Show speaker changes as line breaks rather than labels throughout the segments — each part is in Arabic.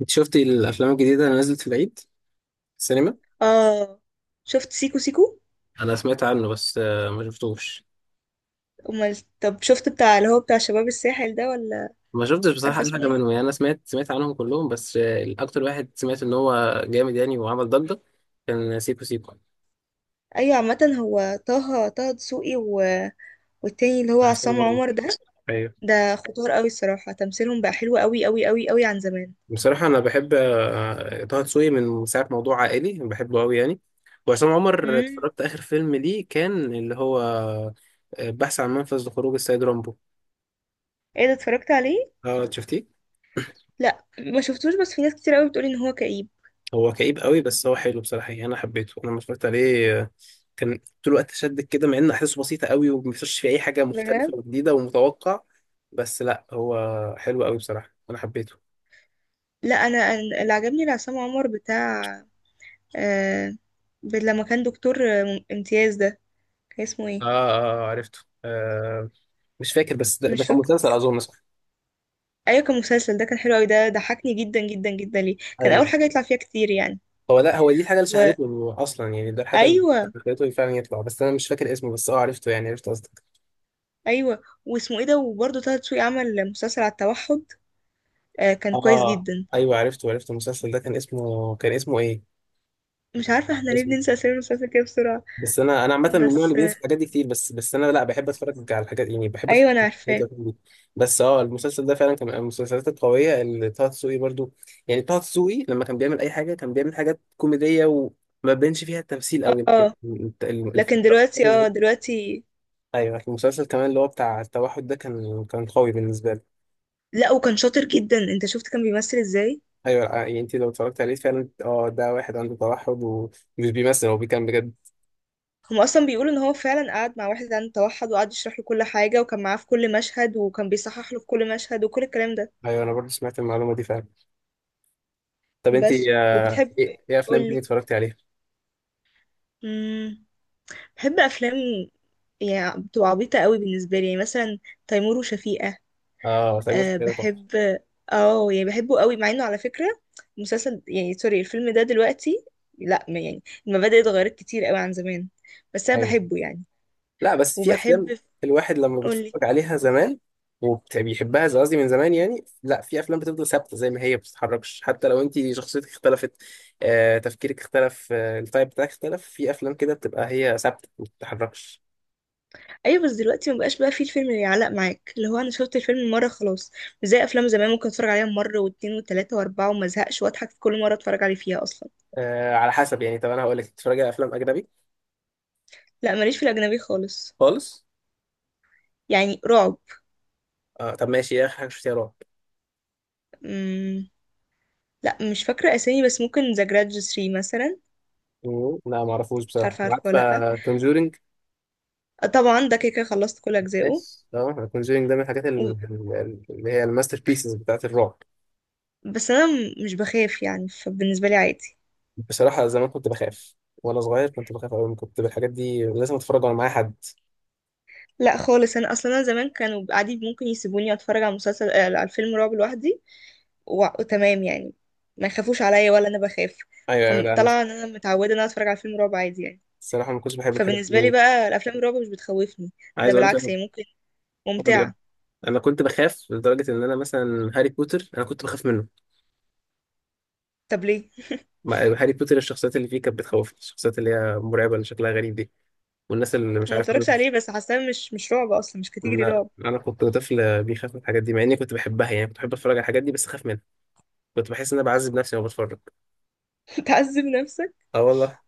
انت شفتي الافلام الجديده اللي نزلت في العيد في السينما.
اه. شفت سيكو سيكو.
انا سمعت عنه بس ما شفتوش.
امال طب شفت بتاع اللي هو بتاع شباب الساحل ده ولا
ما شفتش
مش عارفه
بصراحه اي
اسمه
حاجه
ايه؟
منهم، يعني انا سمعت عنهم كلهم بس الاكتر واحد سمعت ان هو جامد يعني وعمل ضجه. كان سيكو سيكو
ايوه، عامه هو طه دسوقي و... والتاني اللي هو
بتاع عصام
عصام
عمر.
عمر ده
ايوه،
ده خطار قوي الصراحه، تمثيلهم بقى حلو قوي قوي قوي قوي عن زمان.
بصراحه انا بحب طه دسوقي من ساعه موضوع عائلي، بحبه قوي يعني. وعصام عمر
امم
اتفرجت اخر فيلم ليه كان اللي هو بحث عن منفذ لخروج السيد رامبو.
ايه ده، اتفرجت عليه؟
اه شفتيه؟
لا، ما شفتوش، بس في ناس كتير قوي بتقول ان هو كئيب.
هو كئيب قوي بس هو حلو بصراحة يعني، أنا حبيته. أنا لما اتفرجت عليه كان طول الوقت شدك كده، مع إن أحداثه بسيطة قوي وما فيش فيه أي حاجة مختلفة
بجد.
وجديدة ومتوقع. بس لا، هو حلو قوي بصراحة، أنا حبيته.
لا، انا اللي عجبني لعصام عمر بتاع آه... لما كان دكتور امتياز ده، كان اسمه
آه.
ايه؟
آه عرفته. آه. مش فاكر، بس ده
مش
كان
فاكر.
مسلسل أظن، صح؟
ايوه كان مسلسل، ده كان حلو قوي، ده ضحكني جدا جدا جدا ليه، كان اول
أيوه.
حاجه يطلع فيها كتير يعني.
هو لا، هو دي الحاجة اللي
وايوه.
شهرته أصلا يعني، ده الحاجة اللي
ايوه.
خلته فعلا يطلع، بس أنا مش فاكر اسمه، بس أه عرفته يعني، عرفت قصدك.
أيوة. واسمه ايه ده؟ وبرضه طه دسوقي عمل مسلسل على التوحد، آه، كان كويس
آه.
جدا.
أيوه عرفته، عرفت المسلسل ده. كان اسمه، كان اسمه إيه؟
مش عارفه احنا ليه
اسمه.
بننسى اسامي المسلسل كده بسرعه.
بس انا عامه من النوع اللي
بس
بينسى الحاجات دي كتير، بس انا لا بحب اتفرج على الحاجات يعني، بحب اتفرج
ايوه انا
على
عارفاه.
الحاجات دي. بس اه، المسلسل ده فعلا كان من المسلسلات القويه اللي طه دسوقي برضو، يعني طه دسوقي لما كان بيعمل اي حاجه كان بيعمل حاجات كوميديه وما بيبانش فيها التمثيل قوي
اه لكن دلوقتي، اه دلوقتي
ايوه. المسلسل كمان اللي هو بتاع التوحد ده كان قوي بالنسبه لي.
لا وكان شاطر جدا، انت شفت كان بيمثل ازاي؟
ايوه يعني انت لو اتفرجت عليه فعلا، اه ده واحد عنده توحد ومش بيمثل، هو بيكمل بجد.
هم اصلا بيقولوا ان هو فعلا قعد مع واحد عنده توحد وقعد يشرح له كل حاجه، وكان معاه في كل مشهد، وكان بيصحح له في كل مشهد، وكل الكلام ده.
ايوه، انا برضو سمعت المعلومه دي فعلا. طب انت
بس
ايه،
وبتحب،
افلام تاني
قولي.
اتفرجتي عليها؟
مم. بحب افلام، يعني بتبقى عبيطه قوي بالنسبه لي، يعني مثلا تيمور وشفيقة.
اه سمير وشهير
أه
وبهير تحفه.
بحب. اه يعني بحبه قوي، مع انه على فكره مسلسل، يعني سوري، الفيلم ده دلوقتي. لا يعني المبادئ اتغيرت كتير قوي عن زمان، بس انا
ايوه.
بحبه يعني.
لا، بس في افلام
وبحب،
الواحد لما
قولي.
بيتفرج عليها زمان وبيحبها، زي قصدي من زمان يعني، لا في افلام بتفضل ثابته زي ما هي، ما بتتحركش. حتى لو انت شخصيتك اختلفت، تفكيرك اختلف، التايب بتاعك اختلف، في افلام كده بتبقى هي ثابته ما بتتحركش.
ايوه بس دلوقتي ما بقاش بقى فيه الفيلم اللي يعلق معاك، اللي هو انا شفت الفيلم مره خلاص. مش زي افلام زمان، ممكن اتفرج عليها مره واتنين وتلاته واربعه وما ازهقش، واضحك في كل مره اتفرج عليه فيها اصلا.
على حسب يعني. طب انا هقول لك، بتتفرج على افلام اجنبي؟
لا ماليش في الاجنبي خالص.
خالص.
يعني رعب.
آه طب ماشي، ايه اخر حاجه شفتيها رعب؟
لا مش فاكرة اسامي، بس ممكن ذا جرادج 3 مثلا.
لا ما اعرفوش
مش
بصراحه.
عارفة، عارفة ولا لأ؟
عارفه كونجورينج؟
آه، طبعا ده كده كده خلصت كل أجزائه.
ماشي، اه كونجورينج ده من الحاجات
و...
اللي هي الماستر بيسز بتاعت الرعب.
بس أنا مش بخاف يعني، فبالنسبة لي عادي.
بصراحة زمان كنت بخاف وأنا صغير، كنت بخاف أوي، كنت بالحاجات دي لازم أتفرج وأنا معايا حد.
لا خالص، أنا أصلا أنا زمان كانوا عادي ممكن يسيبوني أتفرج على مسلسل، على الفيلم رعب لوحدي. و... وتمام يعني، ما يخافوش عليا ولا أنا بخاف.
أيوه أيوه. لا أنا
فطلع إن أنا متعودة إن أنا أتفرج على فيلم رعب عادي يعني.
الصراحة ما كنتش بحب الحاجات
فبالنسبة لي
دي.
بقى الأفلام الرعب مش بتخوفني، ده
عايز أقول لك
بالعكس
أنا
هي ممكن
عمري أه،
ممتعة.
أنا كنت بخاف لدرجة إن أنا مثلا هاري بوتر أنا كنت بخاف منه.
طب ليه؟
هاري بوتر الشخصيات اللي فيه كانت بتخوفني، الشخصيات اللي هي مرعبة اللي شكلها غريب دي والناس اللي مش
ما
عارف
اتفرجش عليه بس حاساه مش رعب أصلا، مش
مين.
كاتيجري
لا
رعب.
أنا كنت طفل بيخاف من الحاجات دي مع إني كنت بحبها يعني، كنت بحب أتفرج على الحاجات دي بس أخاف منها، كنت بحس إن أنا بعذب نفسي وأنا بتفرج.
تعذب نفسك؟
أه والله.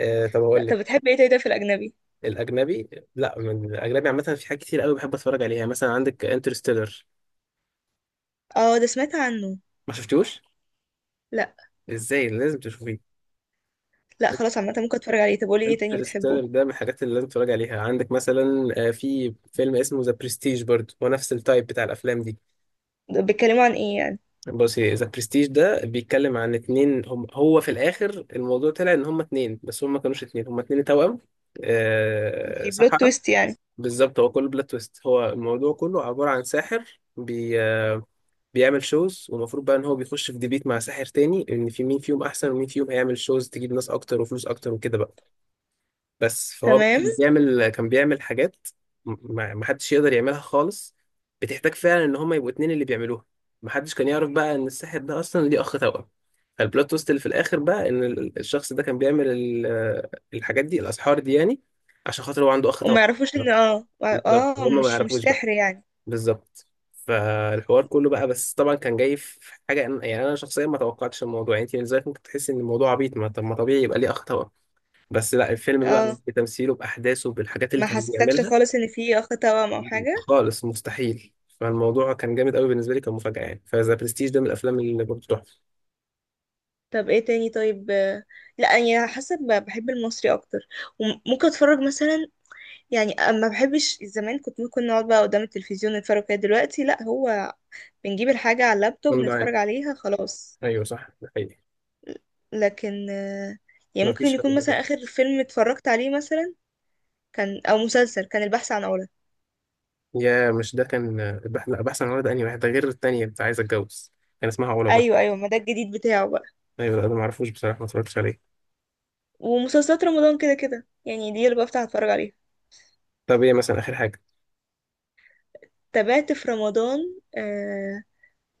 آه طب
لا
أقول
طب
لك،
بتحب ايه تاني طيب في الاجنبي؟
الاجنبي، لا من الاجنبي عامه في حاجات كتير قوي بحب اتفرج عليها. يعني مثلا عندك انترستيلر.
اه ده سمعت عنه.
ما شفتوش؟
لا.
ازاي؟ لازم تشوفيه.
لا خلاص عامه ممكن اتفرج عليه، طب قولي ايه تاني بتحبه.
انترستيلر ده من الحاجات اللي لازم تتفرج عليها. عندك مثلا في فيلم اسمه ذا برستيج، برضه هو نفس التايب بتاع الافلام دي.
ده بيتكلموا عن ايه يعني؟
بص، ذا برستيج ده بيتكلم عن اتنين. هم هو في الاخر الموضوع طلع ان هم اتنين، بس هم ما كانوش اتنين، هم اتنين توأم،
دي بلوت
سحرة.
تويست يعني.
بالظبط، هو كله بلوت تويست. هو الموضوع كله عبارة عن ساحر بيعمل شوز، والمفروض بقى ان هو بيخش في ديبيت مع ساحر تاني، ان في مين فيهم احسن ومين فيهم هيعمل شوز تجيب ناس اكتر وفلوس اكتر وكده بقى. بس فهو بقى
تمام.
كان بيعمل حاجات ما حدش يقدر يعملها خالص، بتحتاج فعلا ان هما يبقوا اتنين اللي بيعملوها. ما حدش كان يعرف بقى ان الساحر ده اصلا ليه اخ توأم. فالبلوت تويست اللي في الاخر بقى ان الشخص ده كان بيعمل الحاجات دي الاسحار دي يعني، عشان خاطر هو عنده اخ
وما
توأم.
يعرفوش ان اه.
بالظبط،
اه،
وهم ما
مش
يعرفوش.
سحر يعني.
بالظبط. فالحوار كله بقى، بس طبعا كان جاي في حاجه يعني انا شخصيا ما توقعتش الموضوع، يعني انت من ذلك ممكن تحس ان الموضوع عبيط، ما طب ما طبيعي يبقى ليه اخ توأم. بس لا، الفيلم بقى
اه،
بتمثيله باحداثه بالحاجات اللي
ما
كان
حسسكش
بيعملها
خالص ان في اخ توأم او حاجه.
خالص مستحيل. فالموضوع كان جامد قوي بالنسبه لي، كان مفاجاه يعني. فذا برستيج ده من الافلام اللي برضه تحفه.
طب ايه تاني طيب؟ لا يعني حسب، بحب المصري اكتر. وممكن اتفرج مثلا. يعني، ما بحبش. زمان كنت ممكن نقعد بقى قدام التلفزيون نتفرج كده، دلوقتي لا، هو بنجيب الحاجه على اللابتوب
جامدة
نتفرج
يعني.
عليها خلاص.
ايوه صح، ده حقيقي.
لكن يعني
ما
ممكن
فيش حد
يكون
بيبقى.
مثلا آخر فيلم اتفرجت عليه، مثلا كان أو مسلسل كان البحث عن علا.
يا مش ده كان البحث، لا بحث عن ولد، انهي واحد ده غير التانية بتاع عايز اتجوز. كان اسمها علا برضه.
أيوه أيوه، ما ده الجديد بتاعه بقى.
ايوه ده أنا ما اعرفوش بصراحه، ما اتفرجتش عليه.
ومسلسلات رمضان كده كده يعني، دي اللي بفتح أتفرج عليها.
طب ايه مثلا اخر حاجه؟
تابعت في رمضان. آه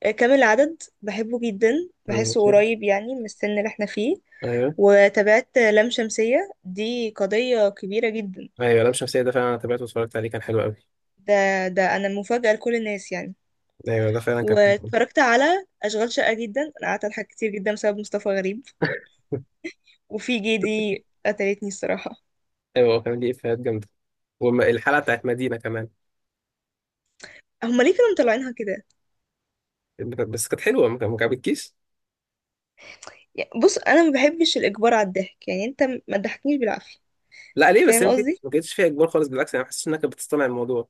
كامل العدد بحبه جدا، بحسه
ماشي.
قريب يعني من السن اللي احنا فيه.
ايوه.
وتابعت لام شمسية، دي قضية كبيرة جدا.
ايوه لام شمسية ده فعلا انا تابعته واتفرجت عليه، كان حلو قوي.
ده أنا مفاجأة لكل الناس يعني.
ايوه ده فعلا كان حلو أوي.
واتفرجت على أشغال شقة، جدا أنا قعدت أضحك كتير جدا بسبب مصطفى غريب. وفي GD قتلتني الصراحة.
ايوه هو كان دي افيهات جامدة، والحلقة بتاعت مدينة كمان.
هما ليه كانوا مطلعينها كده؟
بس كانت حلوة، ما عجبتكيش؟
يعني بص انا ما بحبش الاجبار على الضحك، يعني انت ما تضحكنيش بالعافية.
لا ليه بس؟
فاهم
يمكن
قصدي؟
ما كانتش فيها اجبار خالص، بالعكس انا حاسس انها كانت بتصطنع الموضوع.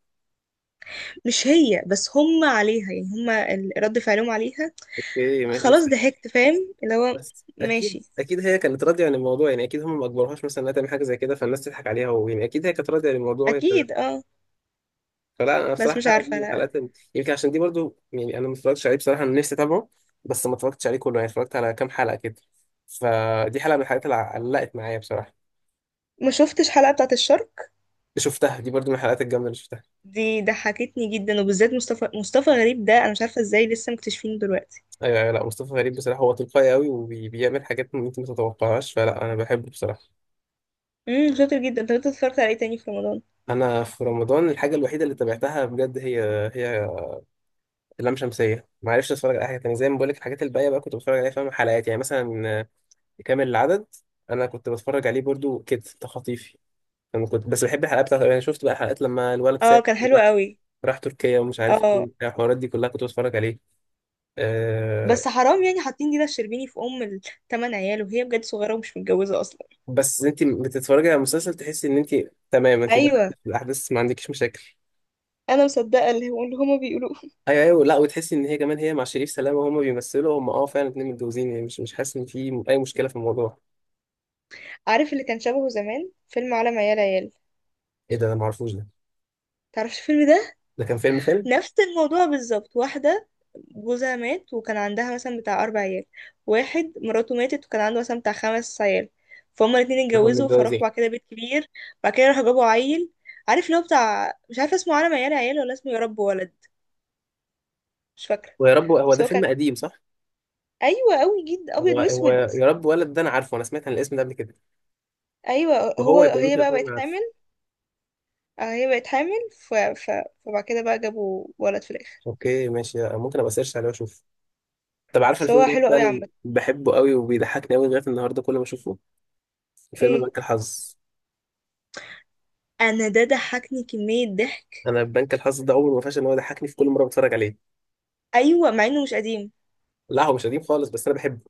مش هي بس، هما عليها، يعني هما رد فعلهم عليها.
ايه ما- بس.
خلاص ضحكت، فاهم اللي هو.
بس اكيد،
ماشي،
هي كانت راضية عن الموضوع يعني، اكيد هم ما اجبروهاش مثلا انها تعمل حاجة زي كده فالناس تضحك عليها، ويعني اكيد هي كانت راضية عن الموضوع.
اكيد اه.
فلا انا
بس
بصراحه
مش
الحلقه دي
عارفة
من
انا.
الحلقات يمكن عشان دي برضو، يعني انا ما اتفرجتش عليه بصراحه، انا نفسي اتابعه بس ما اتفرجتش عليه كله يعني، اتفرجت على كام حلقه كده. فدي حلقه من الحلقات اللي علقت معايا بصراحه.
ما شفتش حلقة بتاعة الشرق.
شفتها دي برضو من الحلقات الجامده اللي شفتها.
دي ضحكتني جدا، وبالذات مصطفى غريب ده، انا مش عارفة ازاي لسه مكتشفينه دلوقتي.
ايوه ايوه. لا مصطفى غريب بصراحه هو تلقائي قوي وبيعمل حاجات ممكن ما تتوقعهاش، فلا انا بحبه بصراحه.
شاطر جدا. انت كنت اتفرجت على ايه تاني في رمضان؟
انا في رمضان الحاجه الوحيده اللي تابعتها بجد هي لام شمسيه. ما عرفتش اتفرج على أي حاجه تانية، زي ما بقول لك الحاجات الباقيه بقى كنت بتفرج عليها فاهم، حلقات يعني مثلا كامل العدد انا كنت بتفرج عليه برضو كده تخطيفي. انا كنت بس بحب الحلقات بتاعت انا شفت بقى حلقات لما الولد
اه،
ساب
كان حلو
وراح،
قوي.
راح تركيا ومش عارف ايه
اه،
وبتاع، الحوارات دي كلها كنت بتفرج عليه. أه.
بس حرام يعني، حاطين دينا الشربيني في ام الثمان عيال، وهي بجد صغيره ومش متجوزه اصلا.
بس انت بتتفرجي على مسلسل تحسي ان انت تمام، انت دخلت
ايوه،
في الاحداث ما عندكيش مشاكل.
انا مصدقه اللي هما بيقولوه.
ايوه ايوه. لا وتحسي ان هي كمان هي مع شريف سلامه، وهما بيمثلوا هم اه فعلا اتنين متجوزين يعني، مش مش حاسس ان في اي مشكله في الموضوع.
عارف اللي كان شبهه زمان، فيلم عالم عيال عيال؟
ايه ده انا ما اعرفوش ده.
تعرفش الفيلم ده؟
ده كان فيلم
نفس الموضوع بالظبط، واحده جوزها مات وكان عندها مثلا بتاع 4 عيال، واحد مراته ماتت وكان عنده مثلا بتاع 5 عيال، فهم الاتنين
هم
اتجوزوا فراحوا
متجوزين.
بعد كده بيت كبير. بعد كده راحوا جابوا عيل. عارف اللي هو بتاع، مش عارفه اسمه عالم عيال عيال ولا اسمه يا رب ولد. مش فاكره
ويا رب، هو
بس
ده
هو كان.
فيلم قديم صح؟
ايوه، قوي جدا، ابيض
هو هو
واسود.
يا رب ولد ده انا عارفه، انا سمعت عن الاسم ده قبل كده،
ايوه
وهو يبقى
هي
ممكن
بقى بقت
اكون عارفه.
حامل. هي بقت حامل. ف... ف... فبعد كده بقى جابوا ولد في الاخر.
اوكي ماشي، ممكن ابقى سيرش عليه واشوف. طب عارف
بس
الفيلم
هو
ده
حلو قوي
فعلا
عامه.
بحبه قوي وبيضحكني قوي لغايه النهارده كل ما اشوفه، فيلم
ايه
بنك الحظ.
انا، ده ضحكني كمية ضحك.
انا بنك الحظ ده عمره ما فاش ان هو يضحكني في كل مره بتفرج عليه.
ايوه، مع انه مش قديم.
لا هو مش قديم خالص بس انا بحبه.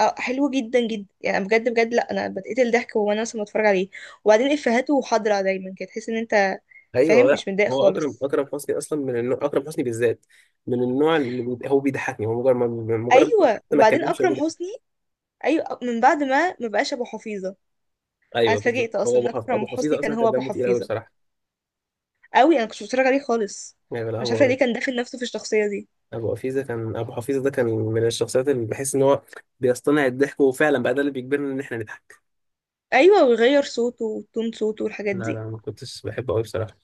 اه حلو جدا جدا يعني، بجد بجد، لا انا بتقتل ضحك وانا اصلا بتفرج عليه. وبعدين افهاته حاضره دايما كده، تحس ان انت
ايوه
فاهم،
لا
مش متضايق
هو اكرم
خالص.
اكرم حسني، اصلا من النوع اكرم حسني بالذات، من النوع اللي هو بيضحكني، هو مجرد ما... مجرد ما
ايوه.
حتى ما
وبعدين
اتكلمش هو
اكرم
بيضحك.
حسني، ايوه، من بعد ما بقاش ابو حفيظة. انا
ايوه بالظبط،
اتفاجئت
هو
اصلا ان اكرم
ابو
حسني
حفيظه
كان
اصلا
هو
كان
ابو
دمه تقيل قوي
حفيظه
بصراحه.
قوي، انا كنتش بتفرج عليه خالص.
يعني لا
مش
هو
عارفه ليه كان داخل نفسه في الشخصيه دي.
ابو حفيظه كان، ابو حفيظه ده كان من الشخصيات اللي بحس ان هو بيصطنع الضحك، وفعلا بقى ده اللي بيجبرنا ان احنا نضحك.
ايوه، ويغير صوته وتون صوته والحاجات
لا
دي.
لا، ما كنتش بحبه قوي بصراحه.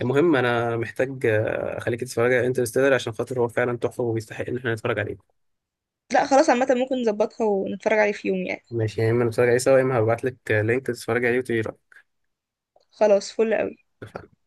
المهم انا محتاج اخليك تتفرج على انترستيلر عشان خاطر هو فعلا تحفه وبيستحق ان احنا نتفرج عليه.
لا خلاص عامه، ممكن نظبطها ونتفرج عليه في يوم يعني.
ماشي، يا اما نتفرج عليه سوا يا اما هبعت لك لينك تتفرج عليه وتقولي رايك.
خلاص فل قوي.
اتفقنا.